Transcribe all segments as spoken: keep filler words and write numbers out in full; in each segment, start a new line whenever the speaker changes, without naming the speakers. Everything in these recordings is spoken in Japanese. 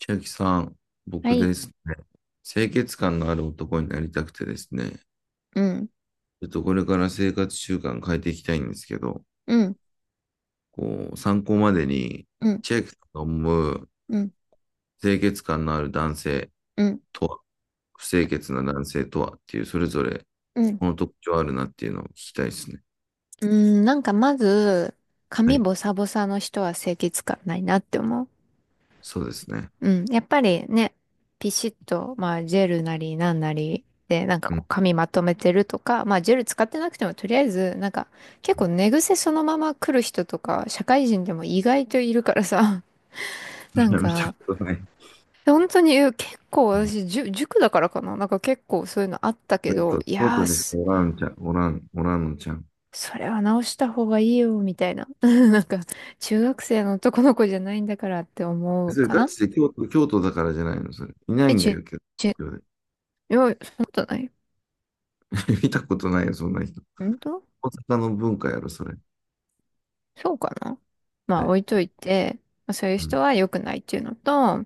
千秋さん、
は
僕
い。
ですね、清潔感のある男になりたくてですね、
うん。
ちょっとこれから生活習慣変えていきたいんですけど、
うん。
こう、参考までに、
うん。
千秋さんが思う
うん。
清潔感のある男性
うん。
とは、不清潔な男性とはっていう、それぞれ、
うん。
この特徴あるなっていうのを聞きたいですね。
うん。なんかまず、
は
髪
い。
ボサボサの人は清潔感ないなって思う。
そうですね。
うん。やっぱりね、ピシッと、まあ、ジェルなりなんなりで、なんか
う
こう
ん。
髪まとめてるとか、まあ、ジェル使ってなくても、とりあえず、なんか、結構寝癖そのまま来る人とか、社会人でも意外といるからさ。
い
なん
や見た
か、
ことない。
本当に結構
うん。
私、じゅ塾だからかな。なんか結構そういうのあったけ
えっ
ど、
と、
い
京
や
都に
ー、
おらんちゃん、おらん、おらんのちゃん。
それは直した方がいいよ、みたいな。なんか、中学生の男の子じゃないんだからって思う
それ
か
ガ
な。
チで京都、京都だからじゃないの、それ。いな
え、
いんだ
ち、
よ、京
ち、い
都。
や、そんなことない。
見たことないよ、そんな人。
本当？
大阪の文化やろ、それ。
そうかな。ま
は
あ、
い。
置いといて、まあそういう
う
人
ん。
は良くないっていうのと、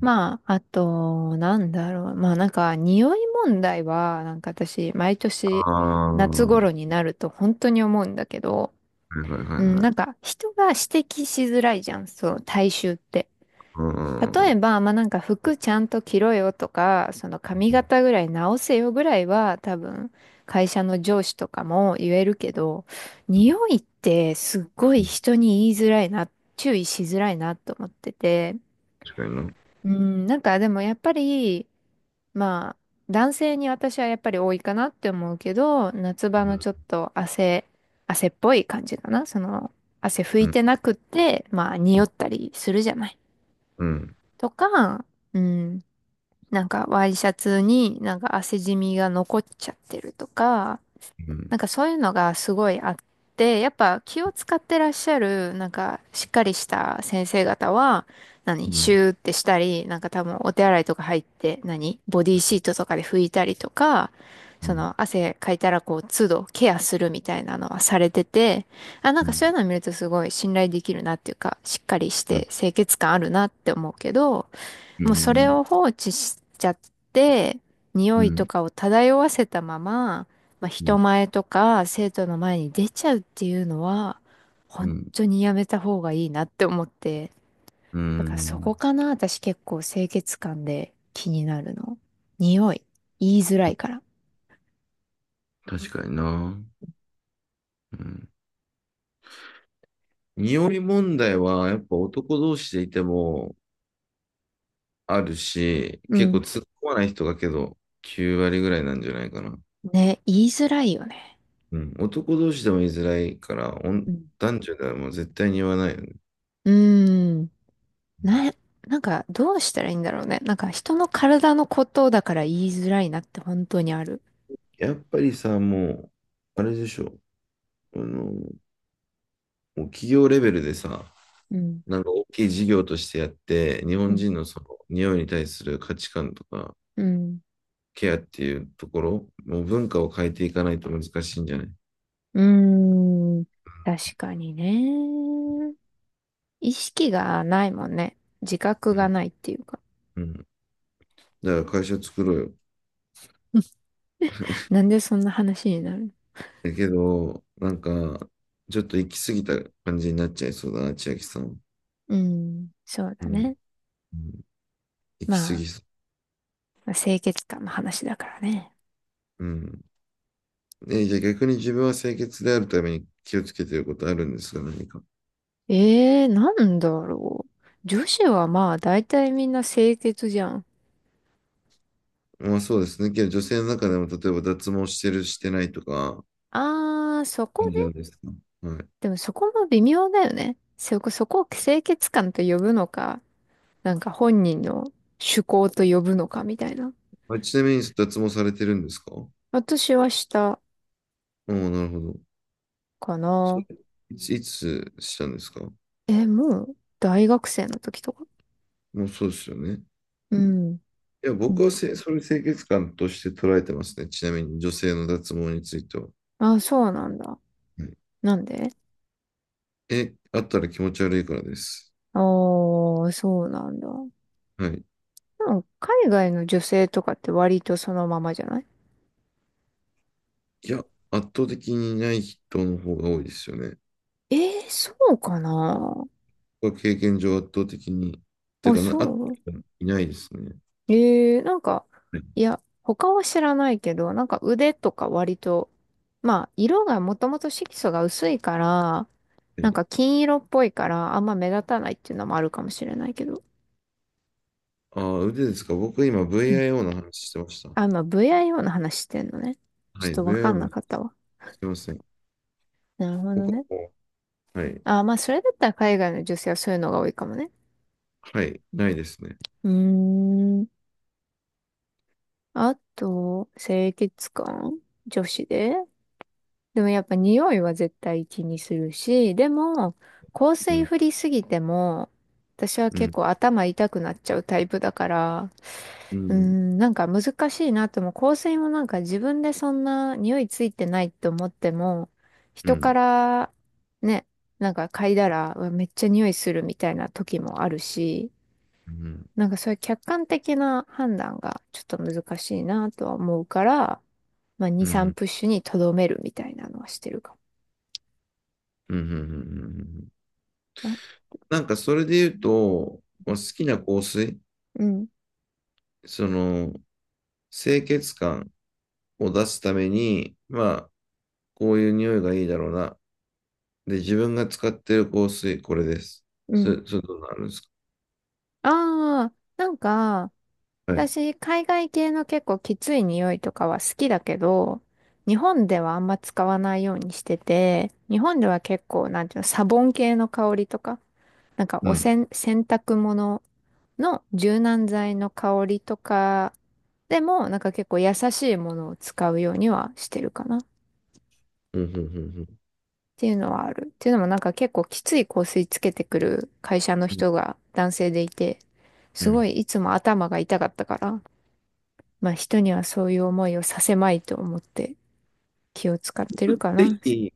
まあ、あと、なんだろう。まあ、なんか、匂い問題は、なんか私、毎
あ
年、
あ、
夏頃
は
になると本当に思うんだけど、
いはいは
う
い
ん、
は
なん
い。
か、人が指摘しづらいじゃん、そう、体臭って。
う
例え
ん。
ば、まあなんか服ちゃんと着ろよとか、その髪型ぐらい直せよぐらいは多分会社の上司とかも言えるけど、
うん。
匂いってすっごい人に言いづらいな、注意しづらいなと思ってて、
確かにな。う
うん、なんかでもやっぱり、まあ男性に私はやっぱり多いかなって思うけど、夏場のちょっと汗、汗っぽい感じかな。その汗拭い
ん、
てなくって、まあ匂ったりするじゃない。
うん、う
とか、うん。なんかワイシャツになんか汗じみが残っちゃってるとか、
ん、
なんかそういうのがすごいあって、やっぱ気を使ってらっしゃる、なんかしっかりした先生方は、何、
う
シ
ん、
ューってしたり、なんか多分お手洗いとか入って、何、ボディーシートとかで拭いたりとか、
うん、う
そ
ん、
の汗かいたらこう都度ケアするみたいなのはされてて、あ、なんかそういう
う
のを見るとすごい信頼できるなっていうか、しっかりし
ん、う
て清潔感あるなって思うけど、
ん、う
もうそれ
ん、
を放置しちゃって、
う
匂い
ん、
と
う
かを漂わせたまま、まあ、人
ん。
前とか生徒の前に出ちゃうっていうのは、本当にやめた方がいいなって思って。だからそこかな、私結構清潔感で気になるの。匂い。言いづらいから。
確かにな。うん。匂い問題は、やっぱ男同士でいてもあるし、
う
結構
ん。
突っ込まない人がけど、きゅう割ぐらいなんじゃないかな。
ね、言いづらいよね。
うん、男同士でも言いづらいから、お
う
ん、
ん。
男女ではもう絶対に言わないよね。
うーん。な、なんかどうしたらいいんだろうね。なんか人の体のことだから言いづらいなって本当にある。
やっぱりさ、もう、あれでしょ、あの、もう企業レベルでさ、
うん。
なんか大きい事業としてやって、日本人のその、匂いに対する価値観とか、
うん。
ケアっていうところ、もう文化を変えていかないと難しいんじゃない？
うーん。確かにね。意識がないもんね。自覚
う
が
ん。
ないっていうか。
うん。だから会社作ろうよ。
なんでそんな話になるの？
だけど、なんか、ちょっと行き過ぎた感じになっちゃいそうだな、千秋さん。
うん。そう
う
だ
ん。
ね。
うん。行き過
まあ、
ぎそ
まあ清潔感の話だからね。
う。うん。えー、じゃあ逆に自分は清潔であるために気をつけていることあるんですか、何か。
ええー、なんだろう。女子はまあ、大体みんな清潔じゃん。
まあそうですね。けど女性の中でも、例えば脱毛してる、してないとか、
あー、そこ
感じ
ね。
ですか。はい。
でもそこも微妙だよね。そこ、そこを清潔感と呼ぶのか、なんか本人の趣向と呼ぶのかみたいな。
あ、ちなみに脱毛されてるんですか？お
私はした
おー、なるほど。
か
それ、
な。
いつ、いつしたんですか？
え、もう大学生の時とか。
もうそうですよね。
うん。
いや、
うん。
僕はせ、それ清潔感として捉えてますね。ちなみに女性の脱毛については。
あ、そうなんだ。
はい。
なんで？
え、あったら気持ち悪いからです。
ああー、そうなんだ。
はい。
でも海外の女性とかって割とそのままじゃない？
いや、圧倒的にない人の方が多いですよね。
えー、そうかな。
は経験上圧倒的に、っていう
あ、
かな、
そ
あっ
う？
た人いないですね。
えー、なんか、い
は
や、他は知らないけど、なんか腕とか割と、まあ、色がもともと色素が薄いから、なん
い。
か金色っぽいから、あんま目立たないっていうのもあるかもしれないけど。
ああ、腕ですか。僕今 ブイアイオー の話してました。
あ、まあ、ブイアイオー の話してんのね。ちょ
は
っ
い、
とわかん
ブイアイオー
な
の、
かったわ。
すいません。
なるほど
僕は
ね。
もう、はい、
あ、まあ、それだったら海外の女性はそういうのが多いかもね。
はい、ないですね。
うーん。あと、清潔感、女子で、でもやっぱ匂いは絶対気にするし、でも、香
う
水
ん、
振りすぎても、私は
う
結
ん、
構頭痛くなっちゃうタイプだから、
う
うー
ん、
ん、なんか難しいなっても、香水もなんか自分でそんな匂いついてないと思っても、
う
人か
ん、
らね、なんか嗅いだら、うわめっちゃ匂いするみたいな時もあるし、
うん、
なんかそういう客観的な判断がちょっと難しいなとは思うから、まあ
う
に、
ん、う
さん
ん、
プッシュにとどめるみたいなのはしてるか
うん、うん、うん。
もな。
なんかそれで言うと、まあ、好きな香水、
うん、
その、清潔感を出すために、まあ、こういう匂いがいいだろうな、で、自分が使ってる香水、これです。
う
そ
ん。
れ、それどうなるんですか？
ああ、なんか、
はい。
私、海外系の結構きつい匂いとかは好きだけど、日本ではあんま使わないようにしてて、日本では結構、なんていうの、サボン系の香りとか、なんか
う
お
ん。
せん、洗濯物の柔軟剤の香りとかでも、なんか結構優しいものを使うようにはしてるかなっ
うん、うん、うん、うん。
ていうのはある。っていうのもなんか結構きつい香水つけてくる会社の
うん。
人が男性でいて、
う
すご
ん。
いいつも頭が痛かったから、まあ人にはそういう思いをさせまいと思って気を使ってるかな。
ぜひ、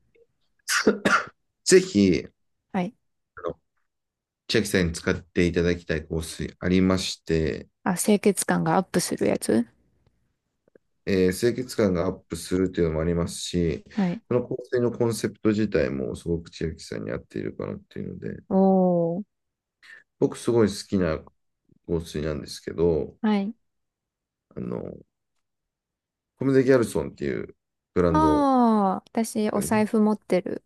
ぜひ、
はい。
あの、千秋さんに使っていただきたい香水ありまして、
あ、清潔感がアップするやつ？
えー清潔感がアップするというのもありますし、
はい。
その香水のコンセプト自体もすごく千秋さんに合っているかなっていうので、
おー。
僕すごい好きな香水なんですけど、
はい。
あの、コムデギャルソンっていうブラ
あ
ンド、
あ、私お財布持ってる。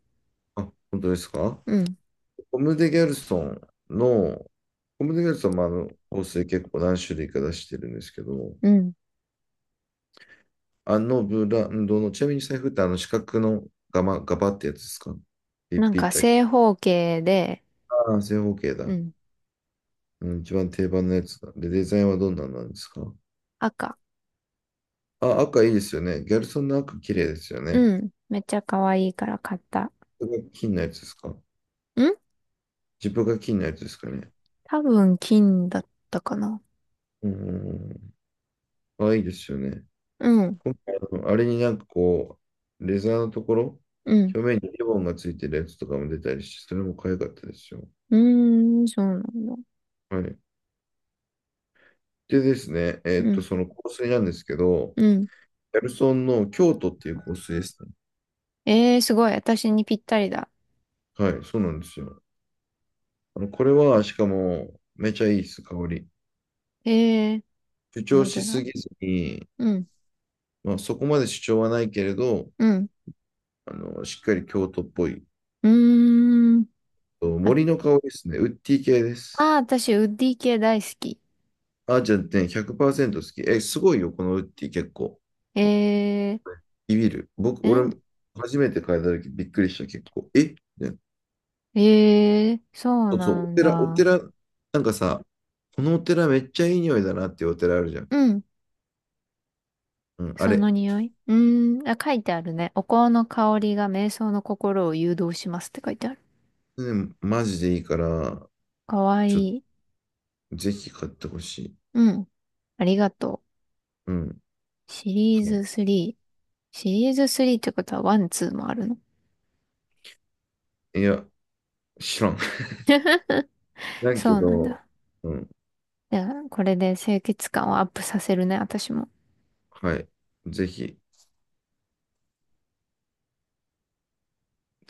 あ、本当ですか？
うん。
コムデ・ギャルソンの、コムデ・ギャルソンもあの香水結構何種類か出してるんですけど、
うん。
あのブランドの、ちなみに財布ってあの四角のガバ、ガバってやつですか？ピ
な
ッ
ん
ピッ
か
て。
正方形で、
ああ、正方形
う
だ。
ん。
うん、一番定番のやつだ。で、デザインはどんなんなんですか？
赤。
あ、赤いいですよね。ギャルソンの赤綺麗ですよね。
うん。めっちゃ可愛いから買った。
これが金のやつですか？
ん、
ジップが金のやつですかね。
多分金だったかな。
うんうんうん。あ、いいですよね。
うん。
うん、あれになんかこう、レザーのところ、
うん。
表面にリボンがついてるやつとかも出たりして、それも可愛かったですよ。
うーん、そうなんだ。
はい。でですね、えー
う
っと、
ん。
その香水なんですけど、
うん。
ギャルソンの京都っていう香水ですね。
えー、すごい。私にぴったりだ。
はい、そうなんですよ。あの、これは、しかも、めちゃいいです、香り。
ええー、
主張
本
し
当
す
だ。
ぎずに、
うん。
まあ、そこまで主張はないけれど、
うん。
あの、しっかり京都っぽい。
うーん。
と
あ、
森の香りですね。ウッディ系で
あー、
す。
私、ウッディ系大好き。
あ、じゃあね、ひゃくパーセント好き。え、すごいよ、このウッディ結構。
え
ビビる。僕、
ー、ん
俺、初めて変えた時びっくりした、結構。えみたいな。
えー、そう
そうそ
な
う、お
ん
寺、お
だ。
寺、なんかさ、このお寺めっちゃいい匂いだなっていうお寺あるじゃん。
うん。
うん、あ
その
れ。
匂い。うーん。あ、書いてあるね。お香の香りが瞑想の心を誘導しますって書いてある。
うん、マジでいいから、
かわい
ちょ、
い。
ぜひ買ってほしい。
うん。ありがと
うん。
う。シリーズ
は
スリー。シリーズスリーってことはいち、にもあるの？
い。いや、知らん。なんけ
そうなん
ど、
だ。
うん、
じゃあ、これで清潔感をアップさせるね、私も。
はい。ぜひ。